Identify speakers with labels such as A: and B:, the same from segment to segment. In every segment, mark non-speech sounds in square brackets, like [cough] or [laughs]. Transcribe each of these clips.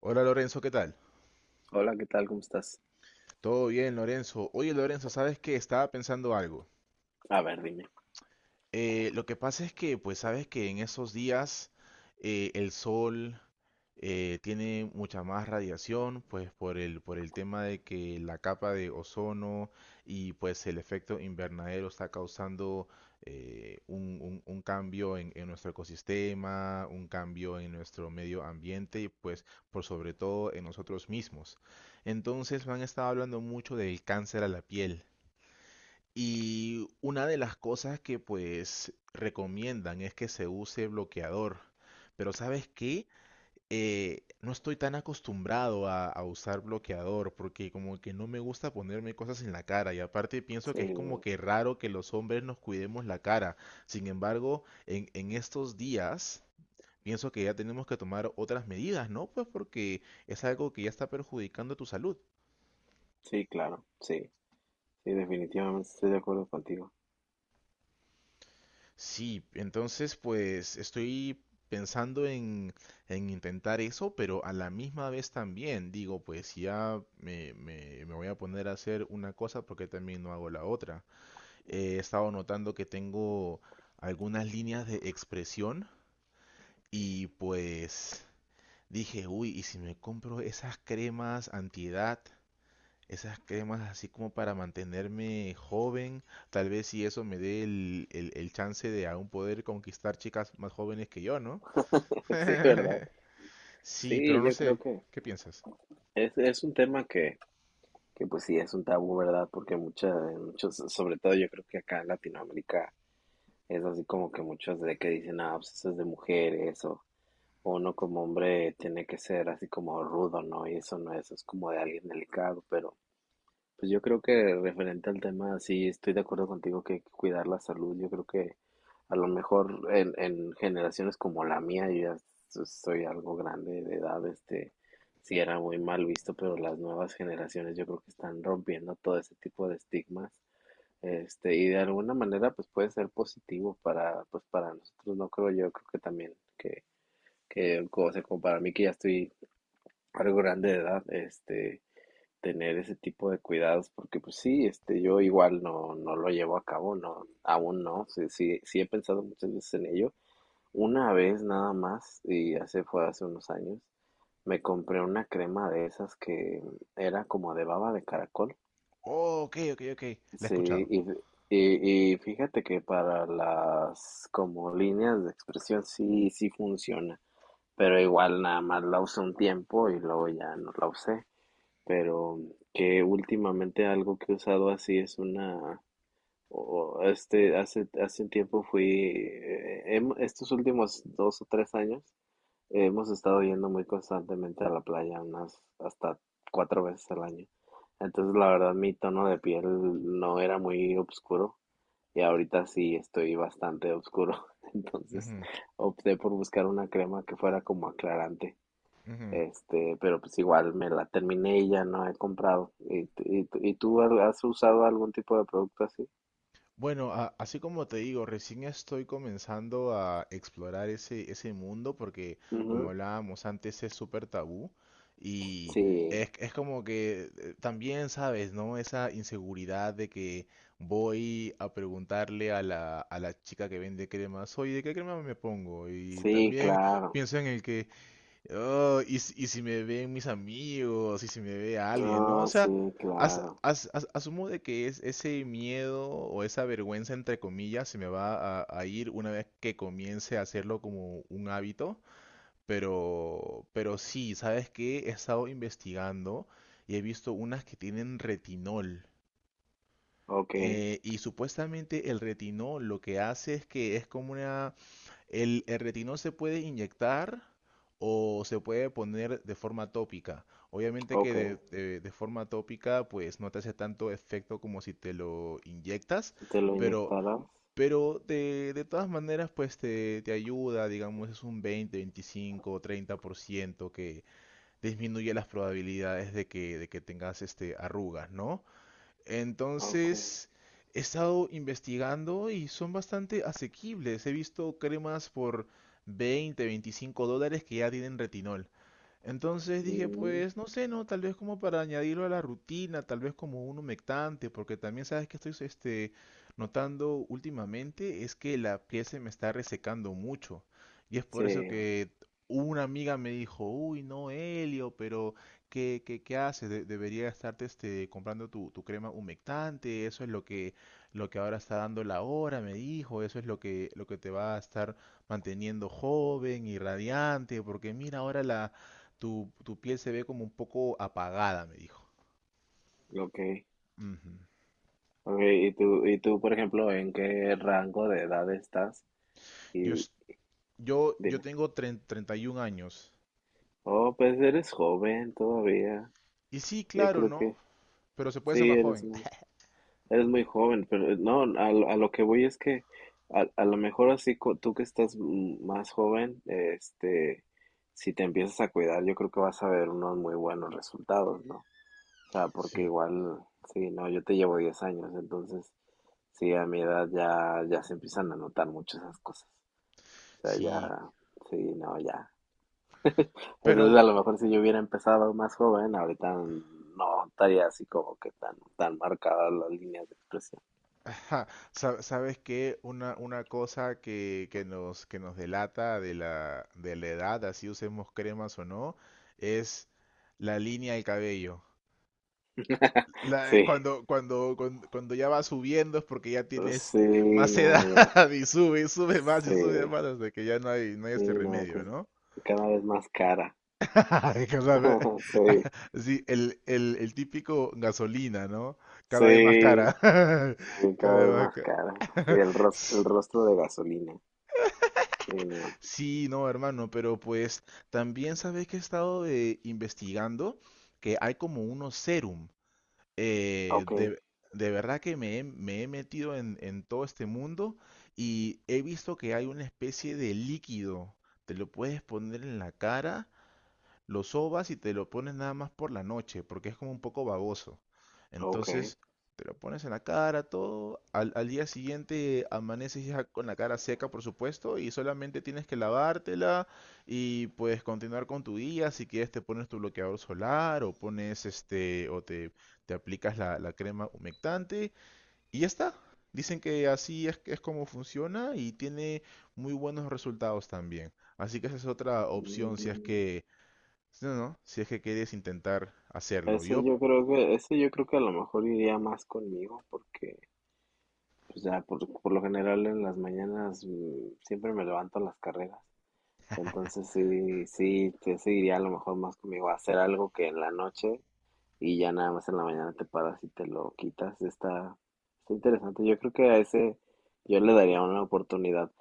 A: Hola Lorenzo, ¿qué tal?
B: Hola, ¿qué tal? ¿Cómo estás?
A: Todo bien, Lorenzo. Oye, Lorenzo, ¿sabes qué? Estaba pensando algo.
B: A ver, dime.
A: Lo que pasa es que, pues, sabes que en esos días el sol tiene mucha más radiación, pues por el tema de que la capa de ozono y pues el efecto invernadero está causando un cambio en nuestro ecosistema, un cambio en nuestro medio ambiente y pues por sobre todo en nosotros mismos. Entonces me han estado hablando mucho del cáncer a la piel. Y una de las cosas que pues recomiendan es que se use bloqueador. Pero ¿sabes qué? No estoy tan acostumbrado a usar bloqueador porque como que no me gusta ponerme cosas en la cara y aparte pienso que es como
B: Sí,
A: que raro que los hombres nos cuidemos la cara. Sin embargo, en estos días pienso que ya tenemos que tomar otras medidas, ¿no? Pues porque es algo que ya está perjudicando tu salud.
B: sí, claro, sí, sí, definitivamente estoy de acuerdo contigo.
A: Sí, entonces pues estoy pensando en intentar eso, pero a la misma vez también digo, pues si ya me voy a poner a hacer una cosa, porque también no hago la otra? He estado notando que tengo algunas líneas de expresión y pues dije, uy, ¿y si me compro esas cremas antiedad? Esas cremas así como para mantenerme joven, tal vez si eso me dé el chance de aún poder conquistar chicas más jóvenes que yo, ¿no?
B: [laughs] Sí, ¿verdad?
A: [laughs] Sí, pero
B: Sí,
A: no
B: yo creo
A: sé,
B: que
A: ¿qué piensas?
B: es un tema que pues sí, es un tabú, ¿verdad? Porque muchos, sobre todo yo creo que acá en Latinoamérica es así como que muchos de que dicen, ah, pues eso es de mujeres, o uno como hombre tiene que ser así como rudo, ¿no? Y eso no, eso es como de alguien delicado, pero pues yo creo que referente al tema, sí estoy de acuerdo contigo que hay que cuidar la salud. Yo creo que a lo mejor en, generaciones como la mía, yo ya soy algo grande de edad, sí era muy mal visto, pero las nuevas generaciones yo creo que están rompiendo todo ese tipo de estigmas, y de alguna manera pues puede ser positivo para, pues para nosotros, no creo yo, creo que también que como como para mí que ya estoy algo grande de edad, tener ese tipo de cuidados porque pues sí, yo igual no lo llevo a cabo, no, aún no, sí, sí, sí he pensado muchas veces en ello. Una vez nada más, y hace unos años, me compré una crema de esas que era como de baba de caracol.
A: Oh, ok, ok, ok, la he
B: Sí,
A: escuchado.
B: y, f- y fíjate que para las como líneas de expresión sí, sí funciona, pero igual nada más la usé un tiempo y luego ya no la usé, pero que últimamente algo que he usado así es una, o hace un tiempo fui, estos últimos 2 o 3 años, hemos estado yendo muy constantemente a la playa, unas hasta cuatro veces al año. Entonces, la verdad, mi tono de piel no era muy oscuro y ahorita sí estoy bastante oscuro. [laughs] Entonces,
A: Ujú,
B: opté por buscar una crema que fuera como aclarante.
A: ujú.
B: Pero pues igual me la terminé y ya no he comprado. ¿Y tú has usado algún tipo de producto así?
A: Bueno, así como te digo, recién estoy comenzando a explorar ese mundo porque, como
B: Ujú.
A: hablábamos antes, es súper tabú y
B: Sí,
A: es como que también, ¿sabes, no? Esa inseguridad de que voy a preguntarle a la chica que vende cremas, oye, ¿de qué crema me pongo? Y
B: sí,
A: también
B: claro.
A: pienso en el que, oh, y si me ven mis amigos, y si me ve alguien, ¿no? O
B: Ah, sí,
A: sea,
B: claro.
A: asumo de que es ese miedo o esa vergüenza, entre comillas, se me va a ir una vez que comience a hacerlo como un hábito, pero sí, ¿sabes qué? He estado investigando y he visto unas que tienen retinol.
B: Ok,
A: Y supuestamente el retinol lo que hace es que es como una el retinol se puede inyectar o se puede poner de forma tópica. Obviamente que
B: ok.
A: de forma tópica pues no te hace tanto efecto como si te lo inyectas,
B: Si te lo
A: pero,
B: inyectaras.
A: pero de todas maneras pues te ayuda, digamos es un 20, 25, 30% que disminuye las probabilidades de que tengas este, arrugas, ¿no?
B: Ok.
A: Entonces, he estado investigando y son bastante asequibles. He visto cremas por 20, $25 que ya tienen retinol. Entonces dije,
B: Mm,
A: pues no sé, no, tal vez como para añadirlo a la rutina, tal vez como un humectante, porque también sabes que estoy este, notando últimamente es que la piel se me está resecando mucho. Y es por eso
B: sí,
A: que una amiga me dijo, uy, no, Helio, pero ¿qué, qué, qué haces? Debería estarte este, comprando tu, tu crema humectante, eso es lo que ahora está dando la hora, me dijo, eso es lo que te va a estar manteniendo joven y radiante, porque mira ahora la tu, tu piel se ve como un poco apagada, me dijo.
B: ok.
A: Ujú.
B: Ok, ¿y tú, por ejemplo, en qué rango de edad estás?
A: Yo,
B: Y
A: es- yo
B: dime.
A: tengo treinta y 31 años.
B: Oh, pues eres joven todavía.
A: Y sí,
B: Yo
A: claro,
B: creo que
A: ¿no? Pero se puede ser
B: sí,
A: más
B: eres
A: joven.
B: muy...
A: [laughs]
B: Eres muy joven, pero no, a lo que voy es que a lo mejor así tú que estás más joven, si te empiezas a cuidar, yo creo que vas a ver unos muy buenos resultados, ¿no? O sea, porque
A: Sí,
B: igual, sí, no, yo te llevo 10 años, entonces, sí, a mi edad ya, se empiezan a notar mucho esas cosas. O sea,
A: sí.
B: ya, sí, no, ya. Entonces, a
A: Pero,
B: lo mejor si yo hubiera empezado más joven, ahorita no estaría así como que tan, tan marcadas las líneas de expresión.
A: ajá, ¿sabes qué? Una cosa que nos delata de la edad, así usemos cremas o no, es la línea del cabello.
B: Sí.
A: Cuando, cuando ya vas subiendo es porque ya tienes
B: Sí,
A: más
B: no,
A: edad
B: ya.
A: [laughs] y
B: Sí,
A: sube más hasta que ya no hay, no hay
B: sí,
A: este
B: no, que
A: remedio, ¿no?
B: es cada vez más cara.
A: [laughs] Es que, o sea,
B: [laughs] Sí,
A: [laughs] sí, el típico gasolina, ¿no? Cada vez más
B: sí,
A: cara. [laughs]
B: sí,
A: Cada
B: cada
A: vez
B: vez
A: más
B: más
A: cara.
B: cara. Sí,
A: [laughs]
B: el rostro de gasolina. Sí, no.
A: Sí, no, hermano, pero pues también sabes que he estado investigando que hay como unos serum eh,
B: Ok,
A: de, de verdad que me he metido en todo este mundo y he visto que hay una especie de líquido, te lo puedes poner en la cara lo sobas y te lo pones nada más por la noche, porque es como un poco baboso.
B: ok.
A: Entonces, te lo pones en la cara, todo. Al día siguiente amaneces ya con la cara seca, por supuesto, y solamente tienes que lavártela y puedes continuar con tu día. Si quieres, te pones tu bloqueador solar o pones este, te aplicas la crema humectante y ya está. Dicen que así es como funciona y tiene muy buenos resultados también. Así que esa es otra opción si es
B: Mm,
A: que sí, no, no, si es que quieres intentar hacerlo.
B: eso
A: Yo,
B: yo creo que, eso yo creo que a lo mejor iría más conmigo porque pues ya, por lo general en las mañanas siempre me levanto a las carreras. Entonces sí, sí, sí iría a lo mejor más conmigo a hacer algo que en la noche, y ya nada más en la mañana te paras y te lo quitas. Está interesante. Yo creo que a ese yo le daría una oportunidad.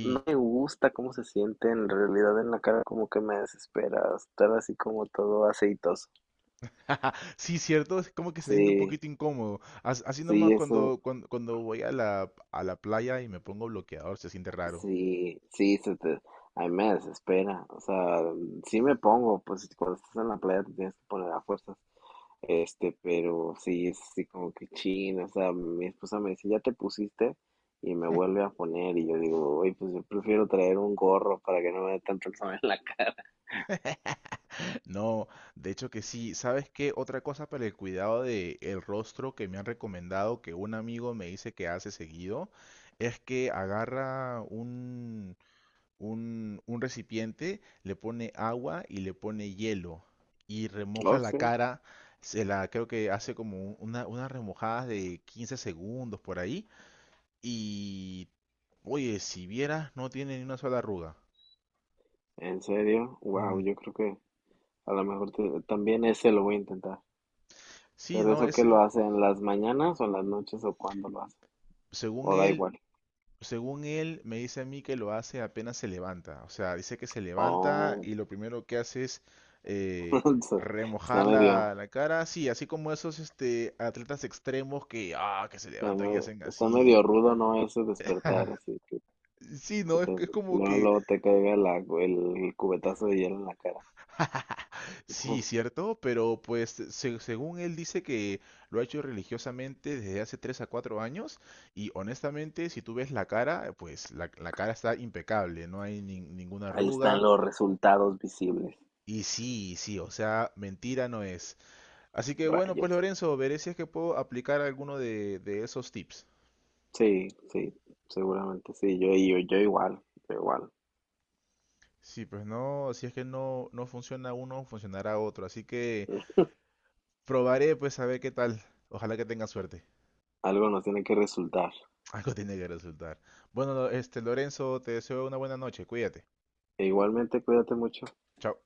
B: No me gusta cómo se siente en realidad en la cara, como que me desespera estar así como todo aceitoso.
A: [laughs] Sí, cierto, es como que se siente un
B: Sí,
A: poquito incómodo. Así nomás
B: sí, eso,
A: cuando, cuando voy a la playa y me pongo bloqueador, se siente raro.
B: sí, sí, a mí me desespera. O sea, sí me pongo, pues cuando estás en la playa te tienes que poner a fuerzas. Pero sí, es así como que chino, o sea, mi esposa me dice, ya te pusiste y me vuelve a poner y yo digo, oye, pues yo prefiero traer un gorro para que no me dé tanto el sol en la [laughs] cara.
A: [laughs] No, de hecho que sí. ¿Sabes qué? Otra cosa para el cuidado de el rostro que me han recomendado, que un amigo me dice que hace seguido, es que agarra un recipiente, le pone agua y le pone hielo y
B: No
A: remoja la
B: sé,
A: cara, se la creo que hace como unas remojadas de 15 segundos por ahí y oye, si vieras no tiene ni una sola arruga.
B: en serio, wow,
A: Mm.
B: yo creo que a lo mejor también ese lo voy a intentar.
A: Sí,
B: Pero
A: no, mm,
B: eso que lo
A: ese
B: hace en las mañanas o en las noches o cuándo lo hace,
A: según
B: o da
A: él
B: igual.
A: según él, me dice a mí que lo hace apenas se levanta. O sea, dice que se levanta
B: Oh,
A: y lo primero que hace es
B: [laughs]
A: eh,
B: está
A: remojar
B: medio,
A: la cara. Sí, así como esos este, atletas extremos que, ah, que se
B: está
A: levantan y
B: medio,
A: hacen
B: está
A: así.
B: medio rudo, ¿no? Ese despertar así.
A: Y, sí,
B: Que
A: ¿no?
B: te,
A: Es como
B: luego,
A: que...
B: luego te caiga el cubetazo de hielo en la cara.
A: [laughs] Sí,
B: [laughs]
A: cierto, pero pues según él dice que lo ha hecho religiosamente desde hace 3 a 4 años y honestamente si tú ves la cara, pues la cara está impecable, no hay ninguna
B: Ahí están
A: arruga.
B: los resultados visibles.
A: Y sí, sí, o sea, mentira no es. Así que bueno, pues
B: Rayos.
A: Lorenzo, veré si es que puedo aplicar alguno de esos tips.
B: Sí, sí, seguramente sí. Yo igual, yo igual.
A: Sí, pues no, si es que no, no funciona uno, funcionará otro. Así que probaré, pues a ver qué tal. Ojalá que tenga suerte.
B: Algo nos tiene que resultar.
A: [laughs] Algo tiene que resultar. Bueno, este Lorenzo, te deseo una buena noche. Cuídate.
B: E igualmente, cuídate mucho.
A: Chao.